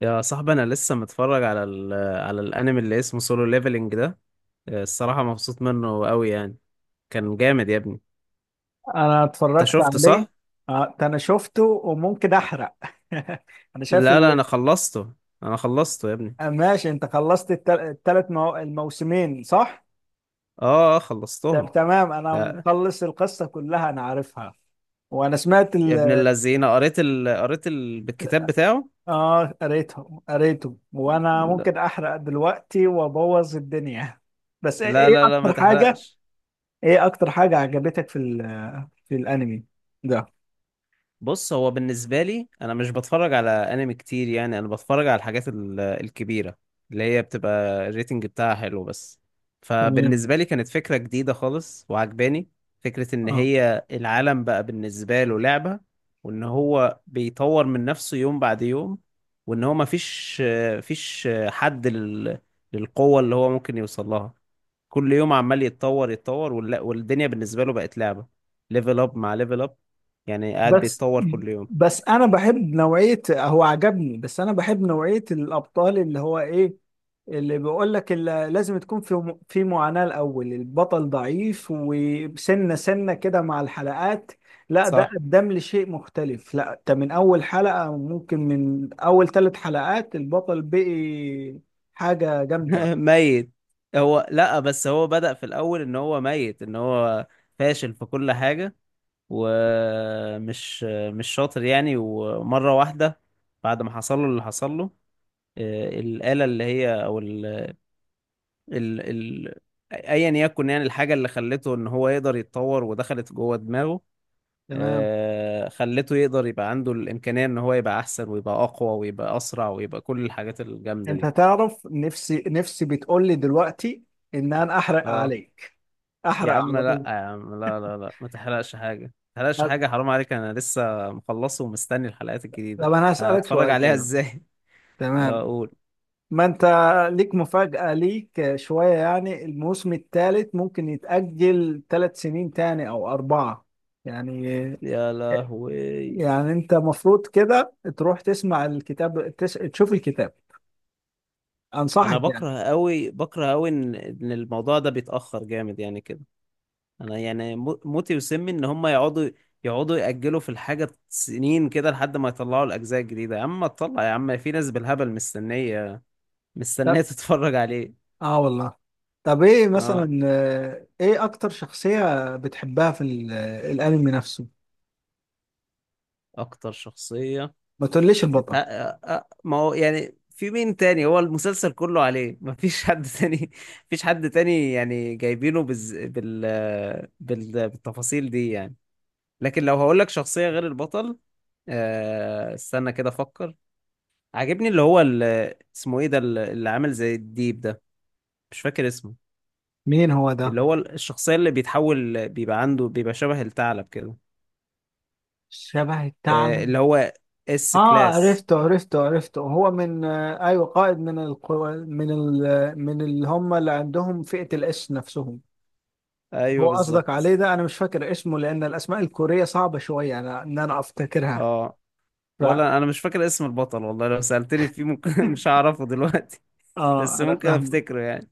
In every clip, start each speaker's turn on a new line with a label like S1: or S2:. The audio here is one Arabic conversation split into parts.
S1: يا صاحبي انا لسه متفرج على ال على الانمي اللي اسمه سولو ليفلنج ده. الصراحه مبسوط منه قوي يعني. كان جامد يا ابني.
S2: انا
S1: انت
S2: اتفرجت
S1: شفته
S2: عليه.
S1: صح؟
S2: اه، ده انا شفته وممكن احرق. انا شايف
S1: لا،
S2: ال...
S1: انا خلصته. انا خلصته يا ابني.
S2: آه، ماشي، انت خلصت الموسمين صح؟ طب
S1: خلصتهم.
S2: تمام، انا
S1: لا.
S2: مخلص القصة كلها، انا عارفها. وانا سمعت
S1: يا ابن
S2: ال...
S1: اللذينه بالكتاب بتاعه.
S2: اه قريته وانا
S1: لا.
S2: ممكن احرق دلوقتي وابوظ الدنيا. بس ايه،
S1: لا لا, لا ما
S2: اكتر حاجة؟
S1: تحرقش.
S2: ايه اكتر حاجة عجبتك في ال... في الانمي ده؟
S1: بص، هو بالنسبة لي أنا مش بتفرج على أنمي كتير، يعني أنا بتفرج على الكبيرة اللي هي بتبقى الريتنج بتاعها حلو بس.
S2: تمام.
S1: فبالنسبة لي كانت فكرة جديدة خالص وعجباني. فكرة إن
S2: اه
S1: هي العالم بقى بالنسبة له لعبة، وإن هو بيطور من نفسه يوم بعد يوم، وإن هو مفيش فيش حد لل- للقوة اللي هو ممكن يوصل لها. كل يوم عمال يتطور، والدنيا بالنسبة له بقت لعبة. ليفل اب مع ليفل اب، يعني قاعد
S2: بس
S1: بيتطور كل يوم.
S2: بس انا بحب نوعيه هو عجبني، بس انا بحب نوعيه الابطال اللي هو ايه، اللي بيقول لك اللي لازم تكون في في معاناه الاول، البطل ضعيف وسنه سنه كده مع الحلقات. لا ده
S1: صح.
S2: قدم لي شيء مختلف، لا ده من اول حلقه، ممكن من اول 3 حلقات البطل بقي حاجه جامده.
S1: ميت. هو لا بس هو بدأ في الأول إن هو ميت، إن هو فاشل في كل حاجة، ومش مش شاطر يعني. ومرة واحدة بعد ما حصل له اللي حصل له، الآلة اللي هي أو ال ال ال أيا يكن، يعني الحاجة اللي خلته إن هو يقدر يتطور ودخلت جوه دماغه.
S2: تمام.
S1: خلته يقدر يبقى عنده الإمكانية إن هو يبقى أحسن ويبقى أقوى ويبقى أسرع ويبقى كل الحاجات الجامدة
S2: انت
S1: دي.
S2: تعرف نفسي بتقول لي دلوقتي ان انا احرق
S1: اه.
S2: عليك،
S1: يا
S2: احرق
S1: عم
S2: على
S1: لا،
S2: طول.
S1: يا عم لا، ما تحرقش حاجة، ما تحرقش حاجة، حرام عليك، أنا لسه مخلصه ومستني الحلقات الجديدة.
S2: طب انا هسألك
S1: هتفرج
S2: سؤال
S1: عليها
S2: كده.
S1: إزاي؟
S2: تمام،
S1: أقول.
S2: ما انت ليك مفاجأة، ليك شوية يعني، الموسم الثالث ممكن يتأجل 3 سنين تاني او اربعة. يعني
S1: يا لهوي.
S2: يعني انت مفروض كده تروح تسمع الكتاب، تشوف الكتاب،
S1: أنا
S2: انصحك يعني.
S1: بكره أوي، بكره أوي إن الموضوع ده بيتأخر جامد يعني كده. انا يعني موتي وسمي ان هم يقعدوا يأجلوا في الحاجة سنين كده لحد ما يطلعوا الأجزاء الجديدة. يا عم طلع يا عم، في ناس بالهبل مستنية
S2: طب
S1: تتفرج عليه.
S2: اه والله. طب ايه
S1: اه.
S2: مثلا، ايه اكتر شخصية بتحبها في الانمي نفسه؟
S1: أكتر شخصية.
S2: ما تقوليش
S1: أنت
S2: البطل.
S1: آه، آه، ما هو يعني في مين تاني، هو المسلسل كله عليه. مفيش حد تاني. مفيش حد تاني، يعني جايبينه بز... بال... آه، بال... بالتفاصيل دي يعني. لكن لو هقولك شخصية غير البطل، استنى كده أفكر. عاجبني اللي هو اللي اسمه ايه ده، اللي عامل زي الديب ده، مش فاكر اسمه.
S2: مين هو ده؟
S1: اللي هو الشخصية اللي بيتحول، بيبقى عنده، بيبقى شبه الثعلب كده.
S2: شبه الثعلب؟
S1: اللي هو اس
S2: اه
S1: كلاس.
S2: عرفته عرفته، هو من آه ايوه قائد من القوى، من ال من اللي هم اللي عندهم فئة الاس نفسهم.
S1: ايوه
S2: هو قصدك
S1: بالظبط.
S2: عليه ده، انا مش فاكر اسمه لان الاسماء الكورية صعبة شوية، انا افتكرها.
S1: اه.
S2: ف
S1: ولا انا مش فاكر اسم البطل والله، لو سألتني فيه ممكن مش هعرفه دلوقتي. بس
S2: اه انا
S1: ممكن
S2: فاهم.
S1: افتكره يعني.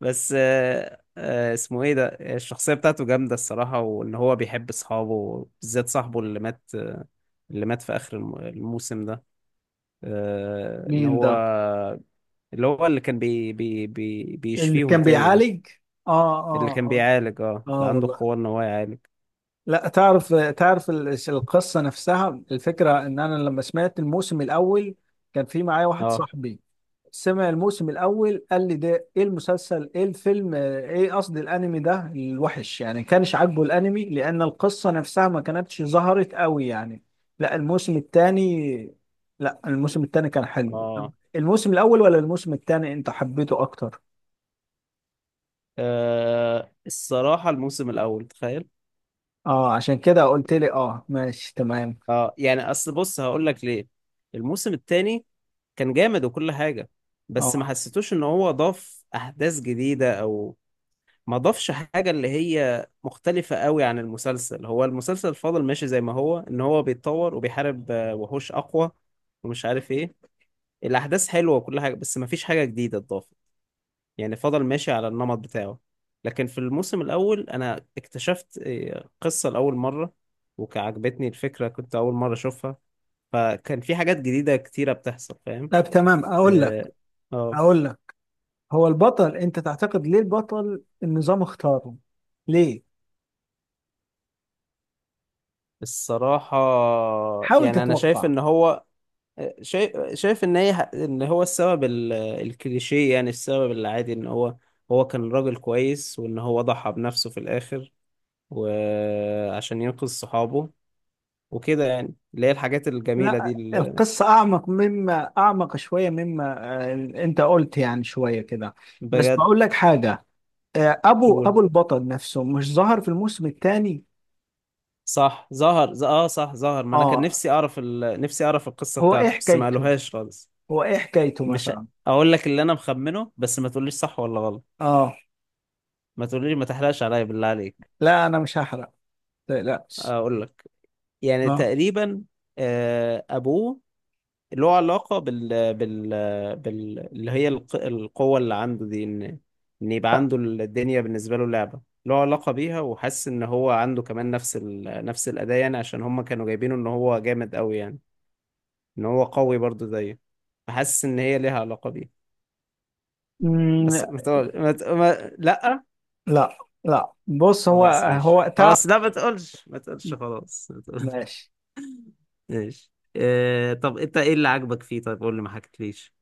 S1: بس اسمه ايه ده، الشخصية بتاعته جامدة الصراحة، وان هو بيحب اصحابه، بالذات صاحبه اللي مات، اللي مات في اخر الموسم ده. ان
S2: مين
S1: هو
S2: ده؟
S1: اللي هو اللي كان بي بي بي
S2: اللي
S1: بيشفيهم
S2: كان
S1: تاني ده.
S2: بيعالج؟ اه
S1: اللي كان
S2: اه
S1: بيعالج. اه
S2: اه. اه
S1: اللي عنده
S2: والله.
S1: القوة ان هو يعالج.
S2: لا تعرف، تعرف القصة نفسها؟ الفكرة ان انا لما سمعت الموسم الاول كان في معايا واحد
S1: اه.
S2: صاحبي، سمع الموسم الاول قال لي ده ايه المسلسل، ايه الفيلم، ايه قصدي الانمي ده الوحش، يعني كانش عاجبه الانمي لان القصه نفسها ما كانتش ظهرت قوي يعني. لا الموسم الثاني، لا الموسم الثاني كان حلو.
S1: اه.
S2: الموسم الاول ولا الموسم الثاني انت حبيته اكتر؟
S1: الصراحة الموسم الاول تخيل.
S2: اه عشان كده قلت لي اه ماشي تمام.
S1: اه يعني اصل بص هقول لك ليه. الموسم التاني كان جامد وكل حاجة، بس ما
S2: اه
S1: حسيتوش ان هو ضاف احداث جديدة او، ما ضافش حاجة اللي هي مختلفة قوي عن المسلسل. هو المسلسل فضل ماشي زي ما هو، ان هو بيتطور وبيحارب وحوش اقوى ومش عارف ايه. الاحداث حلوة وكل حاجة، بس ما فيش حاجة جديدة اتضافت، يعني فضل ماشي على النمط بتاعه. لكن في الموسم الاول انا اكتشفت قصة لأول مرة، وعجبتني الفكرة، كنت أول مرة أشوفها، فكان في حاجات جديدة كتيرة بتحصل فاهم.
S2: طب تمام اقول لك،
S1: اه. آه.
S2: اقول لك. هو البطل انت تعتقد ليه البطل النظام اختاره؟ ليه؟
S1: الصراحة
S2: حاول
S1: يعني أنا شايف
S2: تتوقع.
S1: إن هو، شايف ان هي ان هو السبب الكليشيه، يعني السبب العادي ان هو، هو كان راجل كويس وان هو ضحى بنفسه في الاخر وعشان ينقذ صحابه وكده يعني، اللي هي الحاجات الجميله دي
S2: لا
S1: ال-
S2: القصة أعمق، أعمق شوية مما آه، أنت قلت يعني شوية كده. بس
S1: بجد.
S2: بقول لك حاجة، آه، أبو
S1: قول.
S2: أبو البطل نفسه مش ظهر في الموسم الثاني؟
S1: صح ظهر، صح ظهر. ما انا كان
S2: آه.
S1: نفسي اعرف القصه
S2: هو إيه
S1: بتاعته بس ما
S2: حكايته؟
S1: قالوهاش خالص.
S2: هو إيه حكايته
S1: مش ه-
S2: مثلا؟
S1: اقول لك اللي انا مخمنه بس ما تقوليش صح ولا غلط.
S2: آه.
S1: ما تقوليش، ما تحرقش عليا بالله عليك.
S2: لا أنا مش هحرق، متقلقش.
S1: اقول لك. يعني
S2: آه.
S1: تقريبا ابوه له علاقة بال اللي هي القوة اللي عنده دي، إن إن يبقى عنده الدنيا بالنسبة له لعبة، له علاقة بيها، وحاسس إن هو عنده كمان نفس الأداء يعني، عشان هما كانوا جايبينه إن هو جامد أوي يعني، إن هو قوي برضه زيه. فحاسس إن هي ليها علاقة بيه.
S2: أمم،
S1: بس ما تقول ما... ت- ما... لأ.
S2: لا لا، بص هو
S1: خلاص ماشي
S2: هو تعب.
S1: خلاص، لا ما تقولش، ما تقولش، خلاص ما تقولش.
S2: ماشي.
S1: ماشي. طب أنت إيه اللي عجبك فيه، طيب قول لي ما حكيتليش.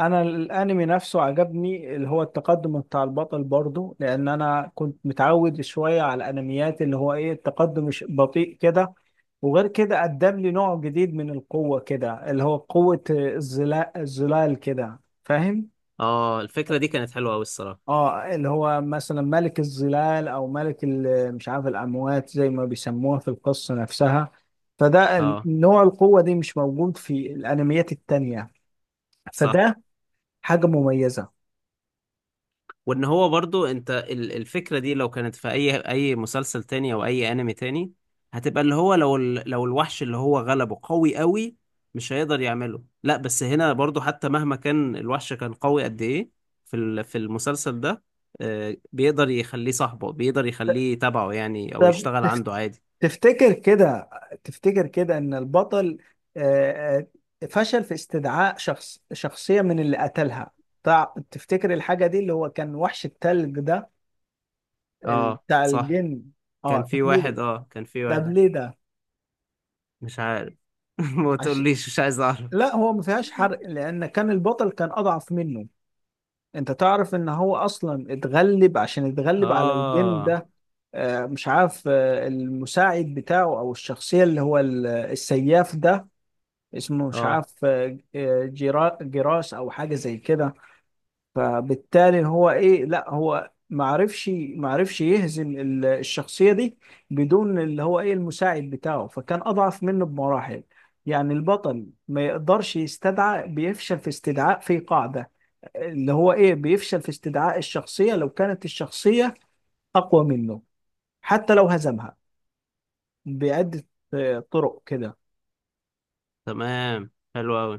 S2: انا الانمي نفسه عجبني، اللي هو التقدم بتاع البطل، برضه لان انا كنت متعود شويه على الانميات اللي هو ايه التقدم مش بطيء كده. وغير كده قدم لي نوع جديد من القوه كده، اللي هو قوه الظلال، الظلال كده، فاهم؟
S1: آه الفكرة دي كانت حلوة أوي الصراحة.
S2: اه اللي هو مثلا ملك الظلال او ملك مش عارف الاموات زي ما بيسموها في القصه نفسها. فده
S1: آه
S2: نوع القوه دي مش موجود في الانميات التانيه،
S1: صح.
S2: فده حاجه مميزه.
S1: وان هو برضو انت الفكرة دي لو كانت في اي مسلسل تاني او اي انمي تاني، هتبقى اللي هو لو لو الوحش اللي هو غلبه قوي قوي، مش هيقدر يعمله. لا بس هنا برضو، حتى مهما كان الوحش كان قوي قد ايه، في المسلسل ده بيقدر يخليه صاحبه، بيقدر يخليه تبعه يعني، او
S2: طب
S1: يشتغل عنده عادي.
S2: تفتكر كده، تفتكر كده ان البطل آه، فشل في استدعاء شخصية من اللي قتلها؟ تفتكر الحاجة دي اللي هو كان وحش التلج ده،
S1: اه
S2: بتاع
S1: صح.
S2: الجن؟ اه طب ليه؟
S1: كان في
S2: طب
S1: واحد.
S2: ليه ده؟
S1: مش عارف. ما
S2: عش...
S1: تقوليش، مش عايز اعرف.
S2: لا هو ما فيهاش حرق لان كان البطل كان اضعف منه. انت تعرف ان هو اصلا اتغلب عشان يتغلب على الجن
S1: اه.
S2: ده، آه، مش عارف، آه، المساعد بتاعه او الشخصية اللي هو السياف ده، اسمه مش
S1: اه.
S2: عارف، جراس او حاجه زي كده. فبالتالي هو ايه، لا هو ما عرفش، ما عرفش يهزم الشخصيه دي بدون اللي هو ايه المساعد بتاعه، فكان اضعف منه بمراحل. يعني البطل ما يقدرش يستدعى، بيفشل في استدعاء، في قاعده اللي هو ايه بيفشل في استدعاء الشخصيه لو كانت الشخصيه اقوى منه، حتى لو هزمها بعده، آه، طرق كده،
S1: تمام حلو قوي.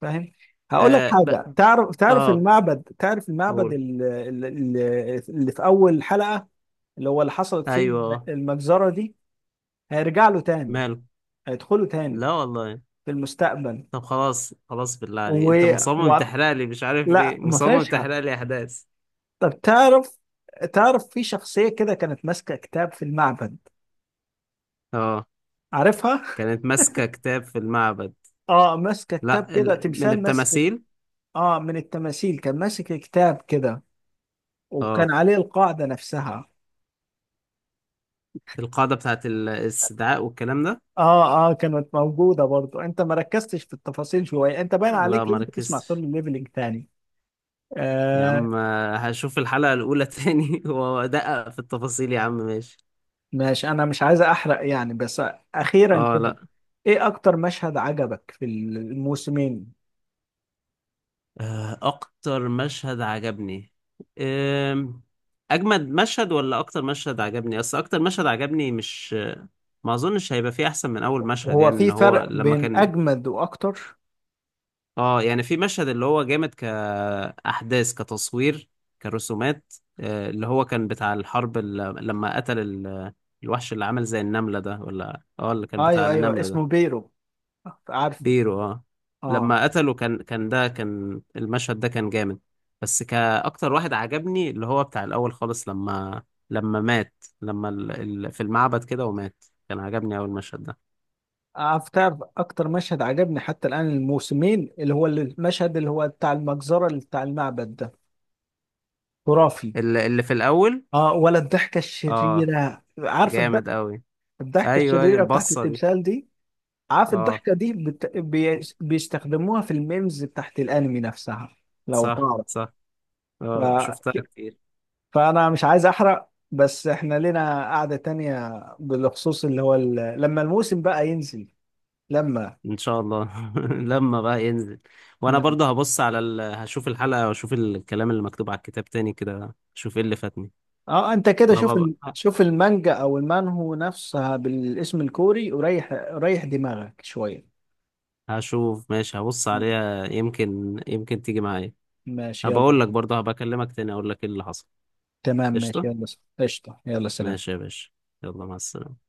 S2: فاهم؟ هقول لك
S1: اه ب...
S2: حاجه، تعرف، تعرف
S1: اه.
S2: المعبد، تعرف المعبد
S1: قول.
S2: اللي في اول حلقه، اللي هو اللي حصلت فيه
S1: ايوه آه.
S2: المجزره دي؟ هيرجع له تاني،
S1: ماله.
S2: هيدخله تاني
S1: لا والله.
S2: في المستقبل.
S1: طب خلاص خلاص بالله
S2: و...
S1: عليك، انت مصمم
S2: و...
S1: تحرق لي، مش عارف
S2: لا
S1: ليه
S2: ما
S1: مصمم
S2: فيهاش حد.
S1: تحرق لي احداث.
S2: طب تعرف، تعرف في شخصيه كده كانت ماسكه كتاب في المعبد؟
S1: اه
S2: عارفها؟
S1: كانت ماسكه كتاب في المعبد.
S2: اه ماسكه كتاب
S1: لا
S2: كده،
S1: من
S2: تمثال ماسك.
S1: التماثيل.
S2: اه من التماثيل كان ماسك كتاب كده،
S1: اه.
S2: وكان عليه القاعده نفسها.
S1: القاعده بتاعت الاستدعاء والكلام ده.
S2: اه كانت موجودة برضو، انت ما ركزتش في التفاصيل شوية، انت باين
S1: لا
S2: عليك
S1: ما
S2: لازم تسمع سولو
S1: ركزتش.
S2: ليفلينج تاني.
S1: يا
S2: آه
S1: عم، هشوف الحلقه الاولى تاني وادقق في التفاصيل يا عم ماشي.
S2: ماشي انا مش عايز احرق يعني بس. اخيرا
S1: اه
S2: كده،
S1: لا.
S2: ايه اكتر مشهد عجبك في الموسمين؟
S1: اكتر مشهد عجبني، آم، اجمد مشهد ولا اكتر مشهد عجبني، اصل اكتر مشهد عجبني مش، ما اظنش هيبقى فيه احسن من اول مشهد،
S2: وهو
S1: يعني
S2: في
S1: ان هو
S2: فرق
S1: لما
S2: بين
S1: كان،
S2: اجمد واكتر؟
S1: اه يعني في مشهد اللي هو جامد كاحداث كتصوير كرسومات، اللي هو كان بتاع الحرب لما قتل الوحش اللي عمل زي النملة ده، ولا اه اللي كان بتاع
S2: ايوه ايوه
S1: النمل ده.
S2: اسمه بيرو، عارفه؟
S1: بيرو اه.
S2: اه.
S1: لما قتله كان المشهد ده كان جامد. بس كأكتر واحد عجبني اللي هو بتاع الأول خالص، لما مات، لما في المعبد كده ومات، كان عجبني أول المشهد ده.
S2: عارف، تعرف اكتر مشهد عجبني حتى الان الموسمين؟ اللي هو المشهد اللي هو بتاع المجزرة اللي بتاع المعبد ده، خرافي.
S1: اللي في الأول.
S2: اه ولا الضحكة
S1: اه
S2: الشريرة، عارف؟
S1: جامد أوي.
S2: الضحكة
S1: أيوه
S2: الشريرة بتاعت
S1: البصة دي.
S2: التمثال دي. عارف
S1: اه.
S2: الضحكة دي بيستخدموها في الميمز بتاعت الأنمي نفسها لو
S1: صح
S2: تعرف؟
S1: صح
S2: ف...
S1: اه شفتها كتير.
S2: فأنا مش عايز أحرق بس إحنا لنا قعدة تانية، بالخصوص اللي هو ال... لما الموسم بقى ينزل. لما
S1: إن شاء الله لما بقى ينزل. وأنا
S2: لما
S1: برضه هشوف الحلقة وأشوف الكلام اللي مكتوب على الكتاب تاني كده، أشوف إيه اللي فاتني.
S2: اه انت كده شوف
S1: طب
S2: ال... شوف المانجا او المانهو نفسها بالاسم الكوري، وريح دماغك شوية.
S1: هشوف ماشي، هبص
S2: م-
S1: عليها، يمكن تيجي معايا.
S2: ماشي
S1: هبقول
S2: يلا.
S1: لك برضه، هبكلمك تاني اقول لك ايه اللي حصل.
S2: تمام ماشي
S1: قشطة.
S2: يلا. قشطة، يلا سلام.
S1: ماشي يا باشا. يلا مع السلامة.